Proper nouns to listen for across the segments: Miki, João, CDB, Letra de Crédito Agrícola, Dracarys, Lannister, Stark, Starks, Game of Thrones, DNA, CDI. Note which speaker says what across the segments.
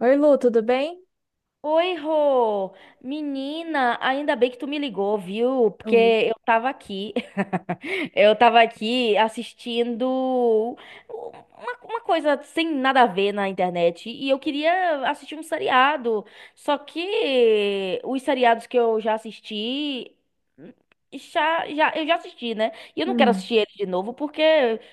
Speaker 1: Oi, Lu, tudo bem?
Speaker 2: Oi, Rô! Menina, ainda bem que tu me ligou, viu? Porque
Speaker 1: Lu,
Speaker 2: eu tava aqui, eu tava aqui assistindo uma coisa sem nada a ver na internet e eu queria assistir um seriado. Só que os seriados que eu já assisti, eu já assisti, né? E eu não quero
Speaker 1: Hum,
Speaker 2: assistir ele de novo porque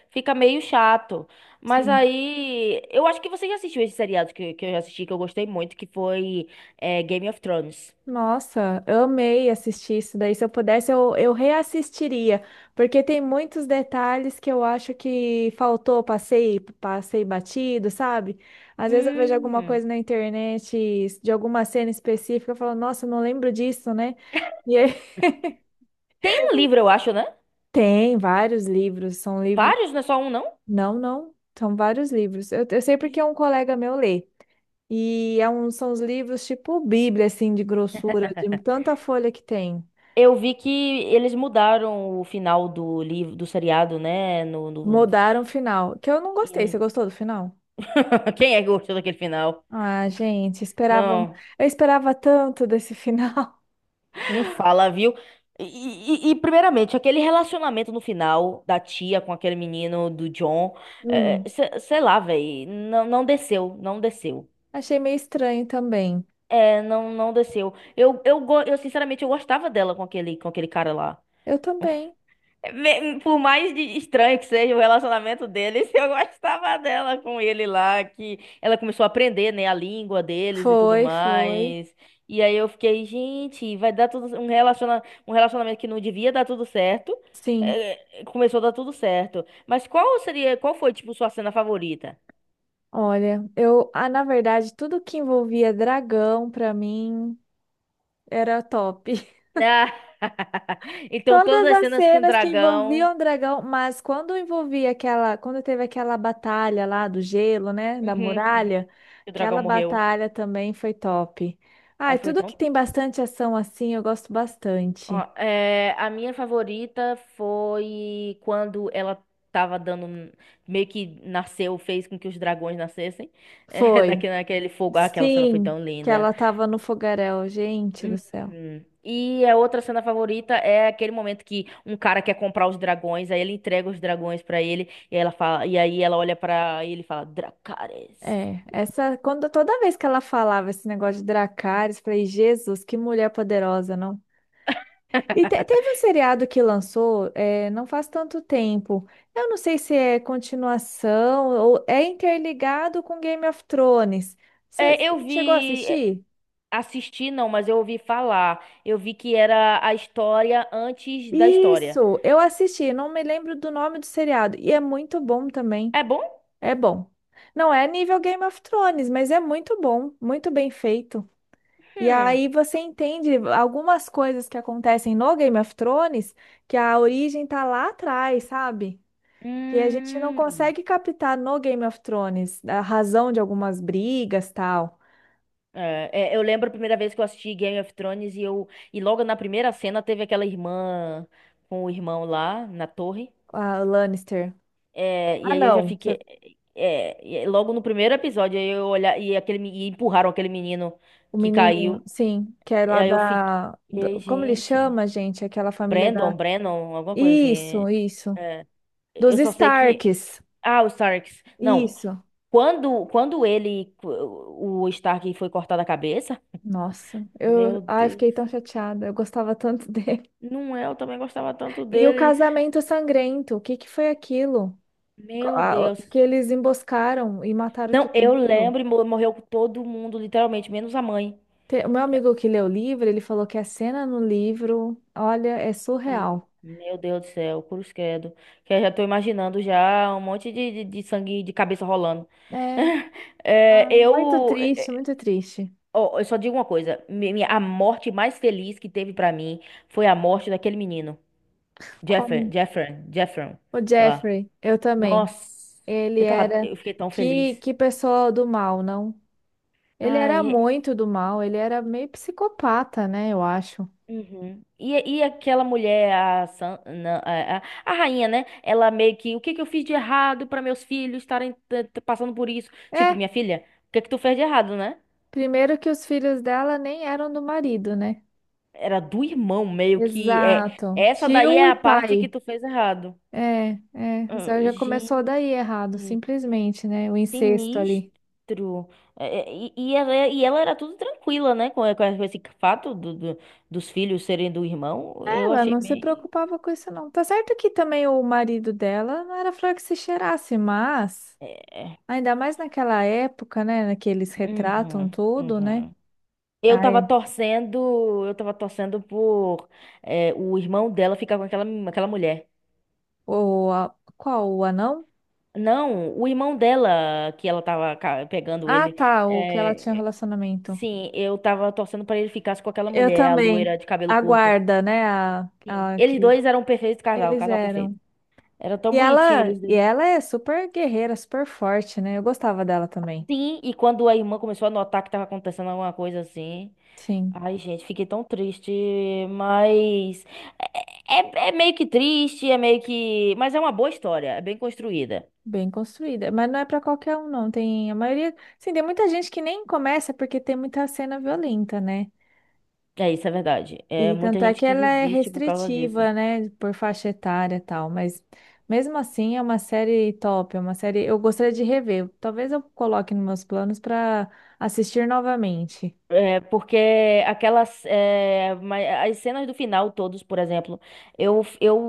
Speaker 2: fica meio chato. Mas
Speaker 1: sim.
Speaker 2: aí, eu acho que você já assistiu esse seriado que eu já assisti, que eu gostei muito, que foi é Game of Thrones.
Speaker 1: Nossa, eu amei assistir isso daí. Se eu pudesse, eu reassistiria, porque tem muitos detalhes que eu acho que faltou, passei batido, sabe? Às vezes eu vejo alguma
Speaker 2: Hum.
Speaker 1: coisa na internet de alguma cena específica, eu falo, nossa, eu não lembro disso, né? E aí
Speaker 2: Tem um livro, eu acho, né?
Speaker 1: tem vários livros, são livros.
Speaker 2: Vários, não é só um, não?
Speaker 1: Não, são vários livros. Eu sei porque um colega meu lê. E é são os livros tipo Bíblia, assim, de grossura, de tanta folha que tem.
Speaker 2: Eu vi que eles mudaram o final do livro, do seriado, né?
Speaker 1: Mudaram o final, que eu não gostei. Você
Speaker 2: E-
Speaker 1: gostou do final?
Speaker 2: Quem é que gostou daquele final?
Speaker 1: Ah, gente,
Speaker 2: Não,
Speaker 1: eu esperava tanto desse final.
Speaker 2: não fala, viu? Primeiramente, aquele relacionamento no final da tia com aquele menino do John, é,
Speaker 1: Hum,
Speaker 2: sei lá, velho, não desceu, não desceu.
Speaker 1: achei meio estranho também.
Speaker 2: É, não desceu. Sinceramente, eu gostava dela com aquele cara lá.
Speaker 1: Eu também.
Speaker 2: Por mais estranho que seja o relacionamento deles, eu gostava dela com ele lá, que ela começou a aprender, né, a língua deles e tudo
Speaker 1: Foi, foi.
Speaker 2: mais. E aí eu fiquei, gente, vai dar um relacionamento que não devia dar tudo certo,
Speaker 1: Sim.
Speaker 2: começou a dar tudo certo. Mas qual foi, tipo, sua cena favorita?
Speaker 1: Olha, na verdade, tudo que envolvia dragão pra mim era top.
Speaker 2: Ah, então
Speaker 1: Todas
Speaker 2: todas as
Speaker 1: as
Speaker 2: cenas com o
Speaker 1: cenas que
Speaker 2: dragão.
Speaker 1: envolviam o dragão, mas quando envolvia quando teve aquela batalha lá do gelo, né, da
Speaker 2: Uhum, uhum,
Speaker 1: muralha,
Speaker 2: que o dragão
Speaker 1: aquela
Speaker 2: morreu.
Speaker 1: batalha também foi top.
Speaker 2: Aí
Speaker 1: Ai,
Speaker 2: foi
Speaker 1: tudo
Speaker 2: tão
Speaker 1: que tem bastante ação assim, eu gosto bastante.
Speaker 2: É, a minha favorita foi quando ela tava dando. um- Meio que nasceu, fez com que os dragões nascessem. É,
Speaker 1: Foi.
Speaker 2: naquele, naquele fogo. Ah, aquela cena foi
Speaker 1: Sim,
Speaker 2: tão
Speaker 1: que
Speaker 2: linda.
Speaker 1: ela tava no fogaréu, gente do céu.
Speaker 2: Uhum. E a outra cena favorita é aquele momento que um cara quer comprar os dragões, aí ele entrega os dragões pra ele, e aí ela olha pra ele e fala, Dracarys.
Speaker 1: É, essa quando toda vez que ela falava esse negócio de Dracarys, eu falei, Jesus, que mulher poderosa, não? E teve um seriado que lançou, é, não faz tanto tempo. Eu não sei se é continuação ou é interligado com Game of Thrones. Você
Speaker 2: É, eu
Speaker 1: chegou a
Speaker 2: vi. É,
Speaker 1: assistir?
Speaker 2: assisti não, mas eu ouvi falar. Eu vi que era a história antes da história.
Speaker 1: Isso, eu assisti, não me lembro do nome do seriado. E é muito bom também.
Speaker 2: É bom?
Speaker 1: É bom. Não é nível Game of Thrones, mas é muito bom, muito bem feito. E
Speaker 2: Hum.
Speaker 1: aí você entende algumas coisas que acontecem no Game of Thrones, que a origem tá lá atrás, sabe? Que a gente não
Speaker 2: Hum.
Speaker 1: consegue captar no Game of Thrones a razão de algumas brigas, tal.
Speaker 2: É, é, eu lembro a primeira vez que eu assisti Game of Thrones e eu e logo na primeira cena teve aquela irmã com o irmão lá na torre.
Speaker 1: A Lannister.
Speaker 2: É, e
Speaker 1: Ah,
Speaker 2: aí eu já
Speaker 1: não.
Speaker 2: fiquei é, e aí logo no primeiro episódio aí eu olhar e e empurraram aquele menino
Speaker 1: O
Speaker 2: que
Speaker 1: menininho,
Speaker 2: caiu.
Speaker 1: sim, que é
Speaker 2: E
Speaker 1: lá
Speaker 2: aí eu fiquei,
Speaker 1: como ele
Speaker 2: gente,
Speaker 1: chama, gente? Aquela família
Speaker 2: Brandon,
Speaker 1: da.
Speaker 2: Brandon, alguma coisa assim.
Speaker 1: Isso, isso.
Speaker 2: É,
Speaker 1: Dos
Speaker 2: eu só sei que
Speaker 1: Starks.
Speaker 2: ah, os Starks. Não.
Speaker 1: Isso.
Speaker 2: Quando, quando ele, o Stark foi cortado a cabeça,
Speaker 1: Nossa,
Speaker 2: meu
Speaker 1: eu, ai,
Speaker 2: Deus.
Speaker 1: fiquei tão chateada. Eu gostava tanto dele.
Speaker 2: Não é, eu também gostava tanto
Speaker 1: E o
Speaker 2: dele.
Speaker 1: casamento sangrento, o que que foi aquilo?
Speaker 2: Meu Deus.
Speaker 1: Que eles emboscaram e mataram
Speaker 2: Não,
Speaker 1: todo
Speaker 2: eu
Speaker 1: mundo.
Speaker 2: lembro, e morreu todo mundo, literalmente, menos a mãe.
Speaker 1: O meu amigo que leu o livro, ele falou que a cena no livro, olha, é
Speaker 2: Hum.
Speaker 1: surreal.
Speaker 2: Meu Deus do céu, cruz credo. Que eu já tô imaginando já um monte de sangue de cabeça rolando.
Speaker 1: É,
Speaker 2: É,
Speaker 1: ah, muito
Speaker 2: eu, é,
Speaker 1: triste, muito triste.
Speaker 2: eu só digo uma coisa. A morte mais feliz que teve pra mim foi a morte daquele menino. Jeffrey,
Speaker 1: Como
Speaker 2: Jeffrey, Jeffrey,
Speaker 1: o
Speaker 2: sei lá.
Speaker 1: Jeffrey, eu também.
Speaker 2: Nossa,
Speaker 1: Ele era
Speaker 2: eu fiquei tão feliz.
Speaker 1: que pessoa do mal, não? Ele era
Speaker 2: Ai,
Speaker 1: muito do mal, ele era meio psicopata, né, eu acho.
Speaker 2: uhum. E aquela mulher, a, San- não, a rainha, né? Ela meio que, o que que eu fiz de errado para meus filhos estarem passando por isso? Tipo,
Speaker 1: É,
Speaker 2: minha filha, o que que tu fez de errado, né?
Speaker 1: primeiro que os filhos dela nem eram do marido, né?
Speaker 2: Era do irmão, meio que, é,
Speaker 1: Exato.
Speaker 2: essa daí
Speaker 1: Tio
Speaker 2: é a
Speaker 1: e
Speaker 2: parte que
Speaker 1: pai.
Speaker 2: tu fez errado.
Speaker 1: É, é,
Speaker 2: Ah,
Speaker 1: já já começou daí
Speaker 2: gente.
Speaker 1: errado, simplesmente, né? O incesto ali.
Speaker 2: Sinistro. E ela, é, e ela era tudo tranquila, né? Com esse fato dos filhos serem do irmão. Eu
Speaker 1: Ela
Speaker 2: achei
Speaker 1: não se
Speaker 2: meio.
Speaker 1: preocupava com isso, não. Tá certo que também o marido dela não era flor que se cheirasse, mas
Speaker 2: É.
Speaker 1: ainda mais naquela época, né? Que eles retratam
Speaker 2: Uhum,
Speaker 1: tudo, né?
Speaker 2: uhum.
Speaker 1: Ai,
Speaker 2: Eu tava torcendo por é, o irmão dela ficar com aquela, aquela mulher.
Speaker 1: qual? O anão?
Speaker 2: Não, o irmão dela, que ela tava pegando
Speaker 1: Ah,
Speaker 2: ele.
Speaker 1: tá, o que ela tinha
Speaker 2: É,
Speaker 1: relacionamento.
Speaker 2: sim, eu tava torcendo pra ele ficar com aquela
Speaker 1: Eu
Speaker 2: mulher, a loira
Speaker 1: também.
Speaker 2: de cabelo
Speaker 1: A
Speaker 2: curto.
Speaker 1: guarda, né?
Speaker 2: Sim,
Speaker 1: A
Speaker 2: eles
Speaker 1: que
Speaker 2: dois eram um perfeito casal,
Speaker 1: eles
Speaker 2: casal
Speaker 1: eram.
Speaker 2: perfeito. Era tão
Speaker 1: E
Speaker 2: bonitinho
Speaker 1: ela,
Speaker 2: eles
Speaker 1: e
Speaker 2: dois.
Speaker 1: ela é super guerreira, super forte, né? Eu gostava dela também.
Speaker 2: Sim, e quando a irmã começou a notar que tava acontecendo alguma coisa assim.
Speaker 1: Sim.
Speaker 2: Ai, gente, fiquei tão triste, mas. É, é meio que triste, é meio que. Mas é uma boa história, é bem construída.
Speaker 1: Bem construída, mas não é pra qualquer um, não. Tem a maioria, sim, tem muita gente que nem começa porque tem muita cena violenta, né?
Speaker 2: É isso, é verdade. É
Speaker 1: E
Speaker 2: muita
Speaker 1: tanto é
Speaker 2: gente
Speaker 1: que
Speaker 2: que
Speaker 1: ela é
Speaker 2: desiste por causa disso.
Speaker 1: restritiva, né, por faixa etária e tal, mas mesmo assim é uma série top, é uma série eu gostaria de rever. Talvez eu coloque nos meus planos pra assistir novamente.
Speaker 2: É porque aquelas. É, as cenas do final, todos, por exemplo, eu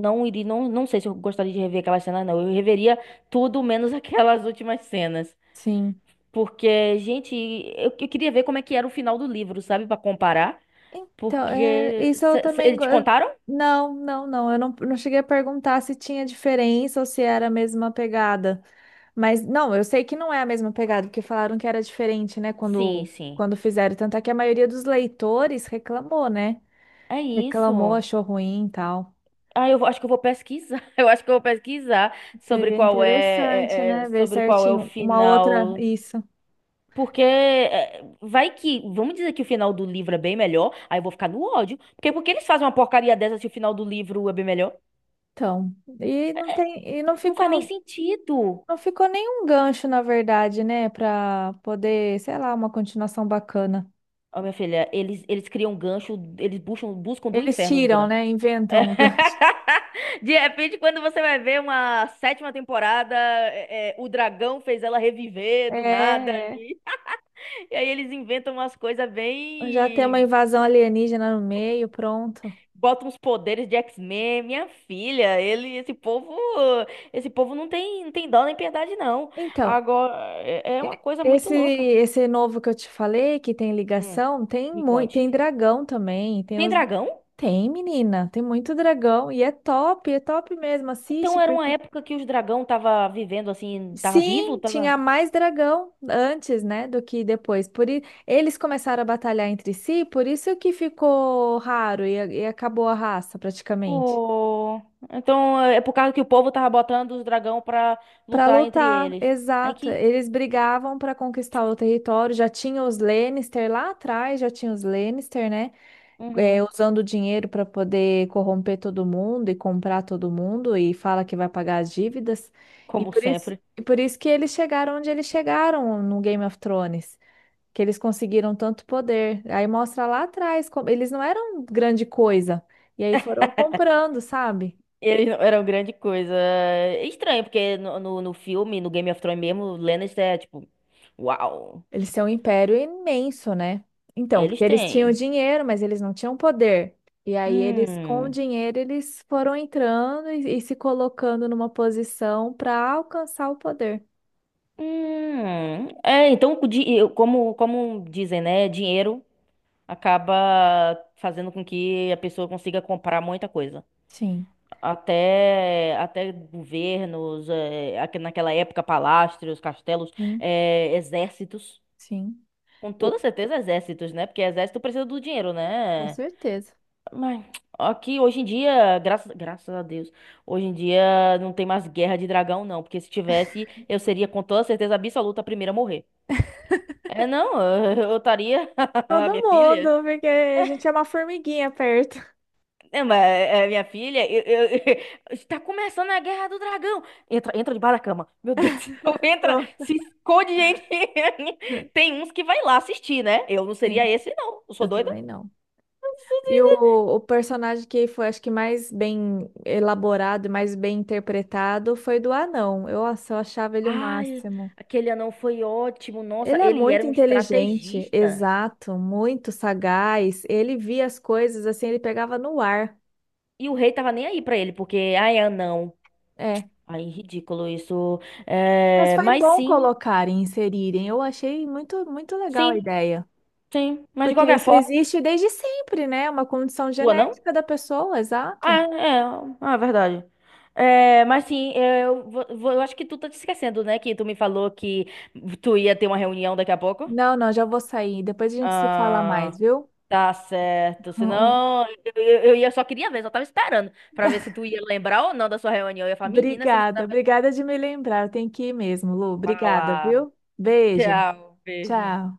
Speaker 2: não iria. Não, não sei se eu gostaria de rever aquelas cenas, não. Eu reveria tudo menos aquelas últimas cenas.
Speaker 1: Sim.
Speaker 2: Porque, gente, eu queria ver como é que era o final do livro, sabe? Pra comparar.
Speaker 1: Então, é,
Speaker 2: Porque.
Speaker 1: isso eu também
Speaker 2: Eles te contaram?
Speaker 1: não, não, eu não cheguei a perguntar se tinha diferença ou se era a mesma pegada. Mas não, eu sei que não é a mesma pegada, porque falaram que era diferente, né,
Speaker 2: Sim, sim.
Speaker 1: quando fizeram. Tanto é que a maioria dos leitores reclamou, né?
Speaker 2: É
Speaker 1: Reclamou,
Speaker 2: isso.
Speaker 1: achou ruim e tal.
Speaker 2: Ah, acho que eu vou pesquisar. Eu acho que eu vou pesquisar sobre
Speaker 1: Seria
Speaker 2: qual é,
Speaker 1: interessante,
Speaker 2: é- é-
Speaker 1: né, ver
Speaker 2: sobre qual é o
Speaker 1: certinho uma outra
Speaker 2: final.
Speaker 1: isso.
Speaker 2: Porque é, vai que. Vamos dizer que o final do livro é bem melhor. Aí eu vou ficar no ódio. Porque por que eles fazem uma porcaria dessa se o final do livro é bem melhor?
Speaker 1: Então, e não tem,
Speaker 2: Não faz nem sentido.
Speaker 1: não ficou nenhum gancho, na verdade, né, para poder, sei lá, uma continuação bacana.
Speaker 2: Ó, minha filha, eles criam um gancho, eles buscam, buscam do
Speaker 1: Eles
Speaker 2: inferno os
Speaker 1: tiram,
Speaker 2: ganchos.
Speaker 1: né, inventam um gancho.
Speaker 2: De repente, quando você vai ver uma sétima temporada, é, é, o dragão fez ela reviver
Speaker 1: É,
Speaker 2: do nada.
Speaker 1: é.
Speaker 2: E aí eles inventam umas coisas
Speaker 1: Já tem uma
Speaker 2: bem.
Speaker 1: invasão alienígena no meio, pronto.
Speaker 2: Botam uns poderes de X-Men. Minha filha, ele, esse povo não tem, não tem dó nem piedade, não.
Speaker 1: Então,
Speaker 2: Agora, é é uma coisa muito
Speaker 1: Esse,
Speaker 2: louca.
Speaker 1: esse novo que eu te falei, que tem
Speaker 2: Hum,
Speaker 1: ligação, tem
Speaker 2: me
Speaker 1: muito,
Speaker 2: conte.
Speaker 1: tem dragão também, tem
Speaker 2: Tem
Speaker 1: os,
Speaker 2: dragão?
Speaker 1: tem menina, tem muito dragão e é top mesmo, assiste
Speaker 2: Então era uma
Speaker 1: porque
Speaker 2: época que os dragão tava vivendo assim, tava vivo?
Speaker 1: sim, tinha mais dragão antes, né, do que depois. Eles começaram a batalhar entre si, por isso que ficou raro e acabou a raça praticamente.
Speaker 2: Pô, então é por causa que o povo tava botando os dragão pra
Speaker 1: Para
Speaker 2: lutar entre
Speaker 1: lutar,
Speaker 2: eles. Ai
Speaker 1: exato.
Speaker 2: que.
Speaker 1: Eles brigavam para conquistar o território. Já tinha os Lannister lá atrás, já tinha os Lannister, né? É,
Speaker 2: Uhum.
Speaker 1: usando dinheiro para poder corromper todo mundo e comprar todo mundo e fala que vai pagar as dívidas.
Speaker 2: Como sempre.
Speaker 1: E por isso que eles chegaram onde eles chegaram no Game of Thrones, que eles conseguiram tanto poder. Aí mostra lá atrás como eles não eram grande coisa. E aí foram comprando, sabe?
Speaker 2: Eles não eram grande coisa. É estranho, porque no filme, no Game of Thrones mesmo, o Lannister é tipo. Uau!
Speaker 1: Eles têm um império imenso, né? Então,
Speaker 2: Eles
Speaker 1: porque eles tinham
Speaker 2: têm.
Speaker 1: dinheiro, mas eles não tinham poder. E aí eles, com o
Speaker 2: Hum.
Speaker 1: dinheiro, eles foram entrando e se colocando numa posição para alcançar o poder.
Speaker 2: Hum. É, então, como, como dizem, né? Dinheiro acaba fazendo com que a pessoa consiga comprar muita coisa.
Speaker 1: Sim,
Speaker 2: Até, até governos, eh, naquela época, palácios, castelos,
Speaker 1: sim,
Speaker 2: eh, exércitos.
Speaker 1: sim.
Speaker 2: Com
Speaker 1: O-
Speaker 2: toda certeza, exércitos, né? Porque exército precisa do dinheiro,
Speaker 1: Com
Speaker 2: né?
Speaker 1: certeza.
Speaker 2: Mas aqui, hoje em dia, graças, graças a Deus, hoje em dia não tem mais guerra de dragão, não. Porque se tivesse, eu seria com toda certeza absoluta a primeira a morrer. É, não, eu estaria,
Speaker 1: Todo
Speaker 2: minha filha.
Speaker 1: mundo, porque a gente é uma formiguinha perto.
Speaker 2: Não, mas é, minha filha, está começando a Guerra do Dragão. Entra, entra debaixo da cama. Meu Deus do céu, entra,
Speaker 1: Pronto.
Speaker 2: se esconde, gente. Tem uns que vai lá assistir, né? Eu não seria
Speaker 1: Sim,
Speaker 2: esse, não. Eu sou
Speaker 1: eu
Speaker 2: doida.
Speaker 1: também não. E o personagem que foi, acho que mais bem elaborado e mais bem interpretado foi do anão. Eu, nossa, eu achava ele o
Speaker 2: Ai,
Speaker 1: máximo.
Speaker 2: aquele anão foi ótimo. Nossa,
Speaker 1: Ele é
Speaker 2: ele era
Speaker 1: muito
Speaker 2: um
Speaker 1: inteligente,
Speaker 2: estrategista.
Speaker 1: exato, muito sagaz. Ele via as coisas assim, ele pegava no ar.
Speaker 2: E o rei tava nem aí pra ele, porque, ai, anão.
Speaker 1: É.
Speaker 2: Ai, ridículo isso.
Speaker 1: Mas
Speaker 2: É,
Speaker 1: foi
Speaker 2: mas
Speaker 1: bom
Speaker 2: sim,
Speaker 1: colocarem, inserirem. Eu achei muito, muito legal a
Speaker 2: sim,
Speaker 1: ideia.
Speaker 2: sim. Mas de
Speaker 1: Porque
Speaker 2: qualquer
Speaker 1: isso
Speaker 2: forma,
Speaker 1: existe desde sempre, né? É uma condição
Speaker 2: do anão?
Speaker 1: genética da pessoa,
Speaker 2: Ah,
Speaker 1: exato.
Speaker 2: é, ah, é verdade. É, mas sim, eu, eu acho que tu tá te esquecendo, né? Que tu me falou que tu ia ter uma reunião daqui a pouco.
Speaker 1: Não, já vou sair. Depois a gente se fala
Speaker 2: Ah,
Speaker 1: mais, viu?
Speaker 2: tá certo. Senão, eu, só queria ver, só tava esperando pra ver se tu ia lembrar ou não da sua reunião. Eu ia falar, menina, essa menina vai
Speaker 1: Obrigada de me lembrar. Tem que ir mesmo, Lu. Obrigada,
Speaker 2: falar.
Speaker 1: viu? Beijo.
Speaker 2: Tchau, beijo.
Speaker 1: Tchau.